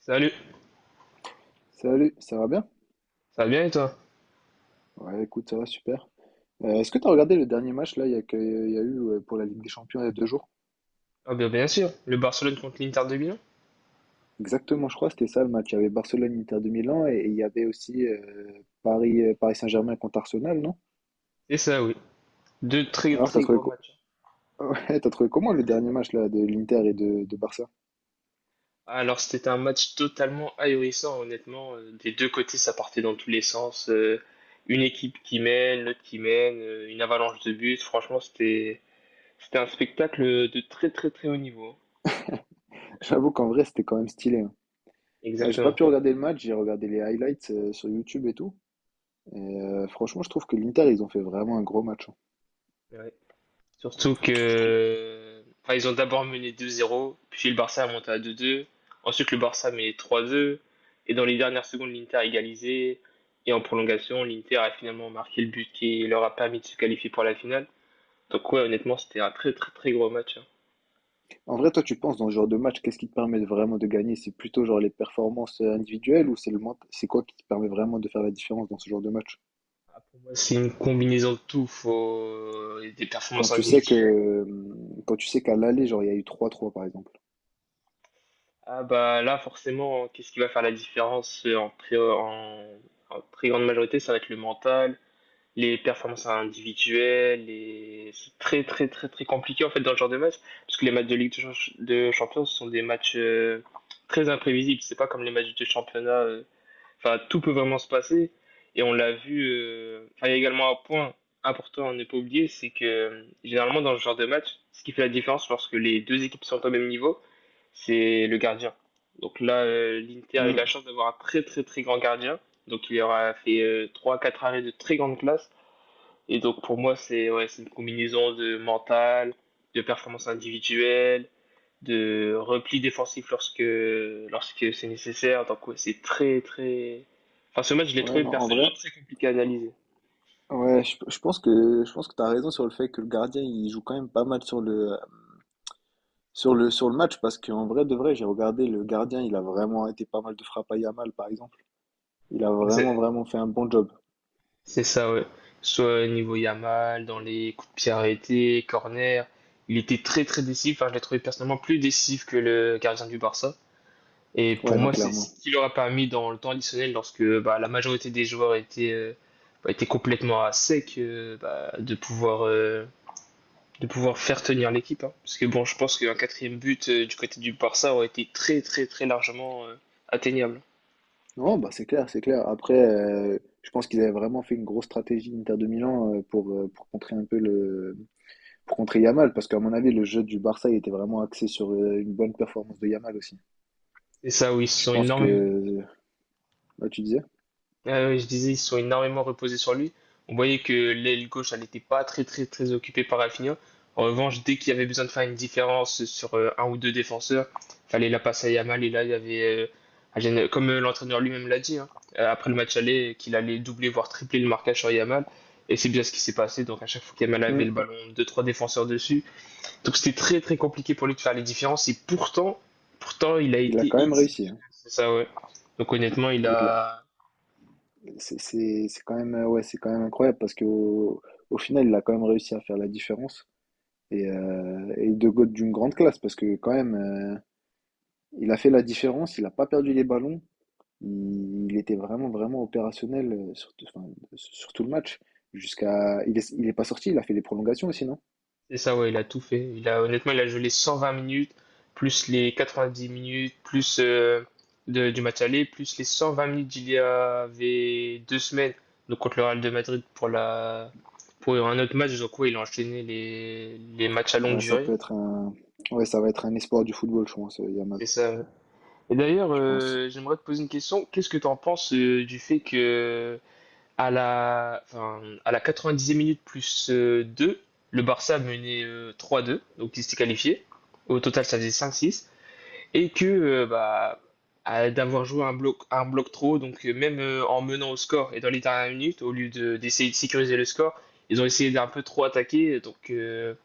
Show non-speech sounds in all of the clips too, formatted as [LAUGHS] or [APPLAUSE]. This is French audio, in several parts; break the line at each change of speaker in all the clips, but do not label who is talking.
Salut,
Salut, ça va bien?
ça va bien et toi?
Ouais, écoute, ça va super. Est-ce que tu as regardé le dernier match là, il y a eu pour la Ligue des Champions il y a deux jours?
Ah bien, bien sûr, le Barcelone contre l'Inter de Milan.
Exactement, je crois, c'était ça le match. Il y avait Barcelone-Inter de Milan et il y avait aussi Paris, Paris Saint-Germain contre Arsenal, non?
C'est ça, oui. Deux très
Alors, t'as
très
trouvé,
gros
co-
matchs.
[LAUGHS] ouais, t'as trouvé comment le dernier match là, de l'Inter et de Barça?
Alors c'était un match totalement ahurissant, honnêtement. Des deux côtés, ça partait dans tous les sens. Une équipe qui mène, l'autre qui mène, une avalanche de buts. Franchement, c'était un spectacle de très très très haut niveau.
J'avoue qu'en vrai, c'était quand même stylé, hein. Ouais, j'ai pas
Exactement.
pu regarder le match, j'ai regardé les highlights sur YouTube et tout. Et franchement, je trouve que l'Inter, ils ont fait vraiment un gros match, hein.
Ouais. Surtout
Je trouve.
que enfin, ils ont d'abord mené 2-0, puis le Barça a monté à 2-2. Ensuite, le Barça met 3-2. Et dans les dernières secondes, l'Inter a égalisé. Et en prolongation, l'Inter a finalement marqué le but qui leur a permis de se qualifier pour la finale. Donc ouais, honnêtement, c'était un très très très gros match, hein.
En vrai, toi, tu penses dans ce genre de match, qu'est-ce qui te permet de vraiment de gagner? C'est plutôt genre les performances individuelles ou c'est quoi qui te permet vraiment de faire la différence dans ce genre de match?
Ah, pour moi, c'est une combinaison de tout. Faut des
Quand
performances
tu sais que
individuelles.
quand tu sais qu'à l'aller, genre il y a eu trois trois par exemple.
Ah bah là, forcément, qu'est-ce qui va faire la différence en très grande majorité, ça va être le mental, les performances individuelles, et c'est très très très très compliqué en fait dans ce genre de match, parce que les matchs de de Champions sont des matchs très imprévisibles, c'est pas comme les matchs de championnat, enfin tout peut vraiment se passer, et on l'a vu, enfin, il y a également un point important à ne pas oublier, c'est que généralement dans ce genre de match, ce qui fait la différence lorsque les deux équipes sont au même niveau, c'est le gardien. Donc là, l'Inter a eu
Hmm.
la chance d'avoir un très très très grand gardien, donc il aura fait trois quatre arrêts de très grande classe, et donc pour moi, c'est ouais, c'est une combinaison de mental, de performance individuelle, de repli défensif lorsque c'est nécessaire. Donc ouais, c'est très très... Enfin, ce match, je l'ai
Ouais,
trouvé
non, en
personnellement
vrai,
très compliqué à analyser.
ouais, je pense que t'as raison sur le fait que le gardien, il joue quand même pas mal sur sur le match, parce qu'en vrai de vrai, j'ai regardé le gardien, il a vraiment été pas mal de frappes à Yamal, par exemple. Il a
C'est
vraiment, vraiment fait un bon job.
c'est ça, ouais. Soit niveau Yamal, dans les coups de pied arrêtés, corner, il était très très décisif. Enfin, je l'ai trouvé personnellement plus décisif que le gardien du Barça. Et pour
Ouais, non,
moi, c'est ce
clairement.
qui leur a permis dans le temps additionnel, lorsque bah, la majorité des joueurs étaient, bah, étaient complètement à sec, de de pouvoir faire tenir l'équipe, hein. Parce que bon, je pense qu'un quatrième but du côté du Barça aurait été très très très largement atteignable.
Non, bah c'est clair, c'est clair. Après, je pense qu'ils avaient vraiment fait une grosse stratégie Inter de Milan pour contrer un peu pour contrer Yamal, parce qu'à mon avis, le jeu du Barça, il était vraiment axé sur une bonne performance de Yamal aussi.
C'est ça, oui, ils se
Je
sont
pense
énormément.
que, bah, tu disais?
Ah oui, je disais, ils se sont énormément reposés sur lui. On voyait que l'aile gauche, elle n'était pas très, très, très occupée par Rafinha. En revanche, dès qu'il y avait besoin de faire une différence sur un ou deux défenseurs, fallait la passer à Yamal. Et là, il y avait, comme l'entraîneur lui-même l'a dit, hein, après le match aller, qu'il allait doubler, voire tripler le marquage sur Yamal. Et c'est bien ce qui s'est passé. Donc, à chaque fois qu'Yamal avait
Hmm.
le ballon, deux, trois défenseurs dessus. Donc, c'était très, très compliqué pour lui de faire les différences. Et pourtant, il a
Il a
été
quand même réussi, hein.
exceptionnel. C'est ça, ouais. Donc, honnêtement, il
Ouais, il l'a-
a.
C'est quand même, ouais, c'est quand même incroyable parce qu'au au final, il a quand même réussi à faire la différence. Et, d'une grande classe parce que quand même, il a fait la différence, il n'a pas perdu les ballons. Il était vraiment, vraiment opérationnel enfin, sur tout le match. Il est pas sorti, il a fait les prolongations aussi, non?
C'est ça, ouais, il a tout fait. Il a, honnêtement, il a joué les 120 minutes, plus les 90 minutes, du match aller, plus les 120 minutes d'il y avait 2 semaines, donc contre le Real de Madrid pour pour un autre match. Donc, ouais, il a enchaîné les matchs à longue
Ouais, ça
durée.
peut être un, ouais, ça va être un espoir du football, je pense, Yamal,
C'est ça, ouais. Et d'ailleurs,
je pense.
j'aimerais te poser une question. Qu'est-ce que tu en penses du fait que à la 90e minute plus 2, le Barça menait 3-2, donc il s'était qualifié. Au total, ça faisait 5-6. Et que, d'avoir joué un bloc trop, donc même en menant au score et dans les dernières minutes, d'essayer de sécuriser le score, ils ont essayé d'un peu trop attaquer,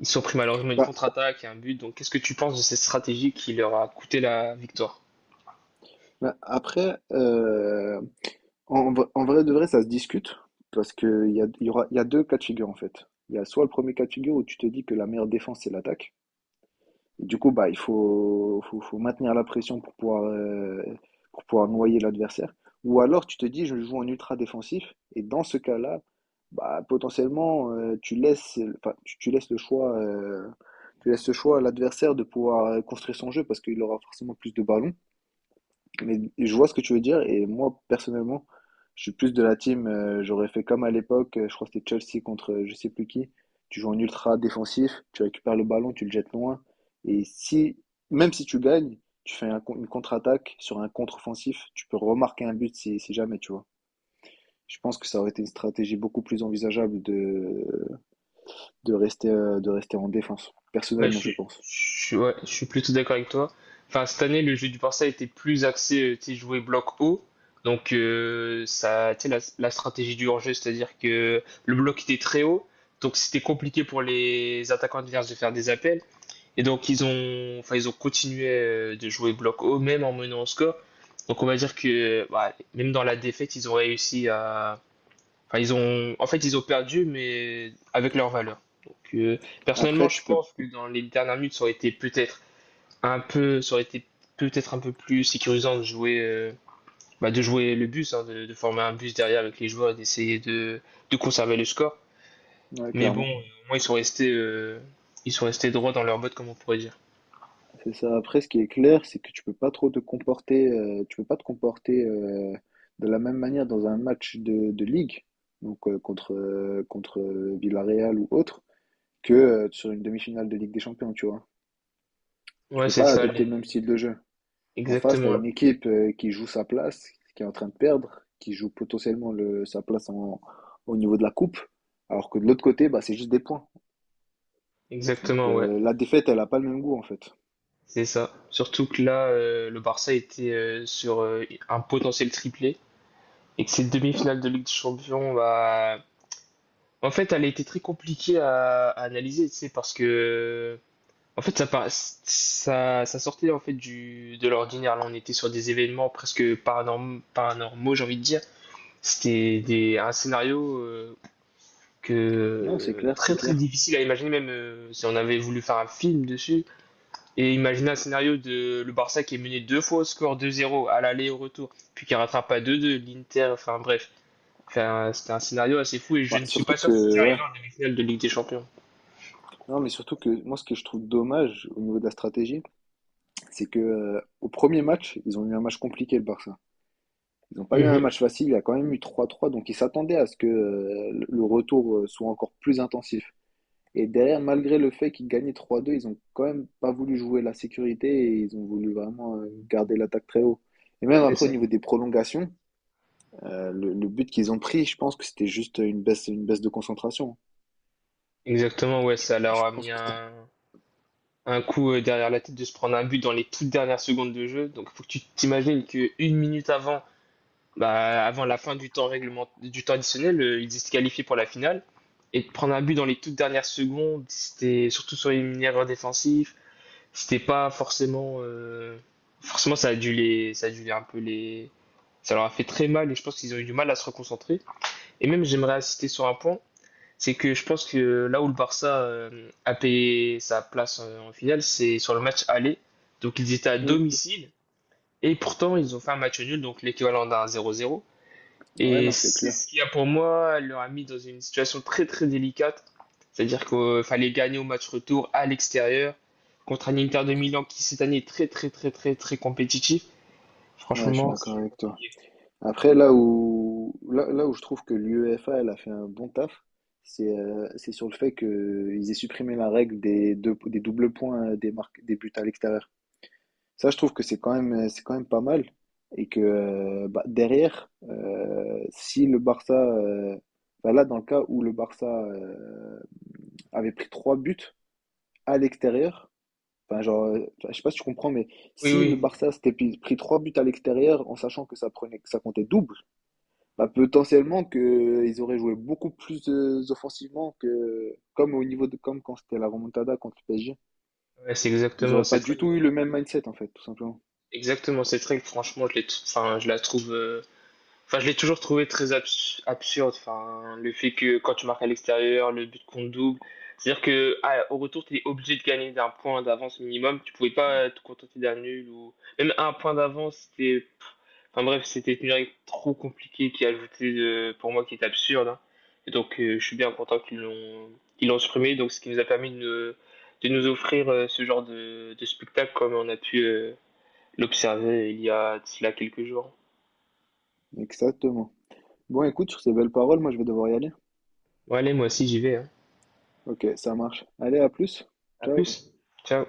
ils se sont pris malheureusement une
Bah,
contre-attaque et un but. Donc qu'est-ce que tu penses de cette stratégie qui leur a coûté la victoire?
après, en vrai de vrai, ça se discute parce que il y a deux cas de figure en fait. Il y a soit le premier cas de figure où tu te dis que la meilleure défense c'est l'attaque. Et du coup, bah, faut maintenir la pression pour pouvoir noyer l'adversaire. Ou alors tu te dis je joue en ultra défensif et dans ce cas-là, bah, potentiellement tu laisses, enfin, tu laisses le choix, tu laisses le choix à l'adversaire de pouvoir construire son jeu parce qu'il aura forcément plus de ballons. Mais je vois ce que tu veux dire et moi personnellement, je suis plus de la team. J'aurais fait comme à l'époque, je crois que c'était Chelsea contre je sais plus qui. Tu joues en ultra défensif, tu récupères le ballon, tu le jettes loin. Et si, même si tu gagnes, tu fais une contre-attaque sur un contre-offensif, tu peux remarquer un but si, si jamais, tu vois. Je pense que ça aurait été une stratégie beaucoup plus envisageable de rester en défense.
Ouais,
Personnellement, je pense.
ouais, je suis plutôt d'accord avec toi. Enfin, cette année, le jeu du Barça était plus axé, tu sais, jouer bloc haut. Donc, ça, tu sais, la stratégie du hors-jeu, c'est-à-dire que le bloc était très haut. Donc, c'était compliqué pour les attaquants adverses de faire des appels. Et donc, ils ont continué de jouer bloc haut, même en menant au score. Donc, on va dire que, bah, même dans la défaite, ils ont réussi à, Enfin, ils ont, en fait, ils ont perdu, mais avec leur valeur. Donc, personnellement,
Après,
je
tu peux,
pense que dans les dernières minutes, ça aurait été peut-être un peu plus sécurisant de jouer, bah, de jouer le bus, hein, de former un bus derrière avec les joueurs, et d'essayer de conserver le score.
ouais,
Mais bon,
clairement.
au moins, ils sont restés droits dans leur botte, comme on pourrait dire.
C'est ça. Après, ce qui est clair, c'est que tu peux pas trop te comporter, tu peux pas te comporter de la même manière dans un match de ligue, donc contre contre Villarreal ou autre, que sur une demi-finale de Ligue des Champions, tu vois. Tu
Ouais,
peux
c'est
pas
ça,
adopter le
les...
même style de jeu. En face, tu
exactement,
as
ouais.
une équipe qui joue sa place, qui est en train de perdre, qui joue potentiellement le, sa place en- au niveau de la coupe, alors que de l'autre côté, bah, c'est juste des points. Donc
exactement, ouais,
la défaite, elle a pas le même goût en fait.
c'est ça. Surtout que là, le Barça était sur un potentiel triplé. Et que cette demi-finale de Ligue des Champions, bah, en fait, elle a été très compliquée à analyser, tu sais, parce que, en fait, ça sortait en fait de l'ordinaire. Là, on était sur des événements presque paranormaux, j'ai envie de dire. C'était un scénario
Non, c'est
que
clair, c'est
très très
clair.
difficile à imaginer, même si on avait voulu faire un film dessus. Et imaginer un scénario de le Barça qui est mené 2 fois au score 2-0 à l'aller et au retour, puis qui rattrape à 2-2, l'Inter, enfin bref. C'était un scénario assez fou et je
Bah,
ne suis
surtout
pas sûr que
que,
c'est arrivé
ouais.
en demi-finale de Ligue des Champions.
Non, mais surtout que moi, ce que je trouve dommage au niveau de la stratégie, c'est que au premier match, ils ont eu un match compliqué, le Barça. Ils n'ont pas eu un
Mmh.
match facile, il y a quand même eu trois trois donc ils s'attendaient à ce que le retour soit encore plus intensif. Et derrière, malgré le fait qu'ils gagnaient trois deux ils ont quand même pas voulu jouer la sécurité et ils ont voulu vraiment garder l'attaque très haut. Et même
C'est
après, au
ça.
niveau des prolongations, le but qu'ils ont pris, je pense que c'était juste une baisse de concentration.
Exactement, ouais, ça leur
Je
a
pense
mis
que c'était-
un coup derrière la tête de se prendre un but dans les toutes dernières secondes de jeu. Donc il faut que tu t'imagines que une minute avant, bah, avant la fin du temps additionnel, ils étaient qualifiés pour la finale. Et de prendre un but dans les toutes dernières secondes, c'était surtout sur les mineurs défensifs. C'était pas forcément. Forcément, ça a dû les un peu les. Ça leur a fait très mal et je pense qu'ils ont eu du mal à se reconcentrer. Et même, j'aimerais insister sur un point, c'est que je pense que là où le Barça a payé sa place en finale, c'est sur le match aller. Donc, ils étaient à
hmm.
domicile et pourtant, ils ont fait un match nul, donc l'équivalent d'un 0-0.
Ouais,
Et
non, c'est
c'est
clair.
ce qui a pour moi leur mis dans une situation très très délicate. C'est-à-dire qu'il fallait gagner au match retour à l'extérieur contre un Inter de Milan qui cette année est très très très très très compétitif.
Ouais, je suis
Franchement,
d'accord
c'est
avec toi.
compliqué.
Après, là où je trouve que l'UEFA, elle a fait un bon taf, c'est sur le fait qu'ils aient supprimé la règle des doubles points des buts à l'extérieur. Ça, je trouve que c'est quand même pas mal. Et que bah, derrière, si le Barça, bah là, dans le cas où le Barça avait pris trois buts à l'extérieur, enfin, genre, je sais pas si tu comprends, mais
Oui,
si le
oui.
Barça pris trois buts à l'extérieur en sachant que que ça comptait double, bah, potentiellement que ils auraient joué beaucoup plus offensivement que comme au niveau de comme quand c'était la remontada contre le PSG.
Ouais, c'est
Ils
exactement
auraient pas
cette
du
règle.
tout eu le même mindset en fait, tout simplement.
Exactement cette règle, franchement, je la trouve je l'ai toujours trouvé très absurde. Enfin, le fait que quand tu marques à l'extérieur, le but compte double. C'est-à-dire que ah, au retour, tu es obligé de gagner d'un point d'avance minimum. Tu pouvais pas te contenter d'un nul ou même un point d'avance. C'était, pff, enfin bref, c'était une règle trop compliquée pour moi qui est absurde, hein. Et donc, je suis bien content qu'ils l'ont supprimé. Donc, ce qui nous a permis de, ne- de nous offrir ce genre de spectacle comme on a pu l'observer il y a de cela quelques jours.
Exactement. Bon, écoute, sur ces belles paroles, moi je vais devoir y aller.
Bon, allez, moi aussi j'y vais, hein.
Ok, ça marche. Allez, à plus.
À
Ciao.
plus. Ciao.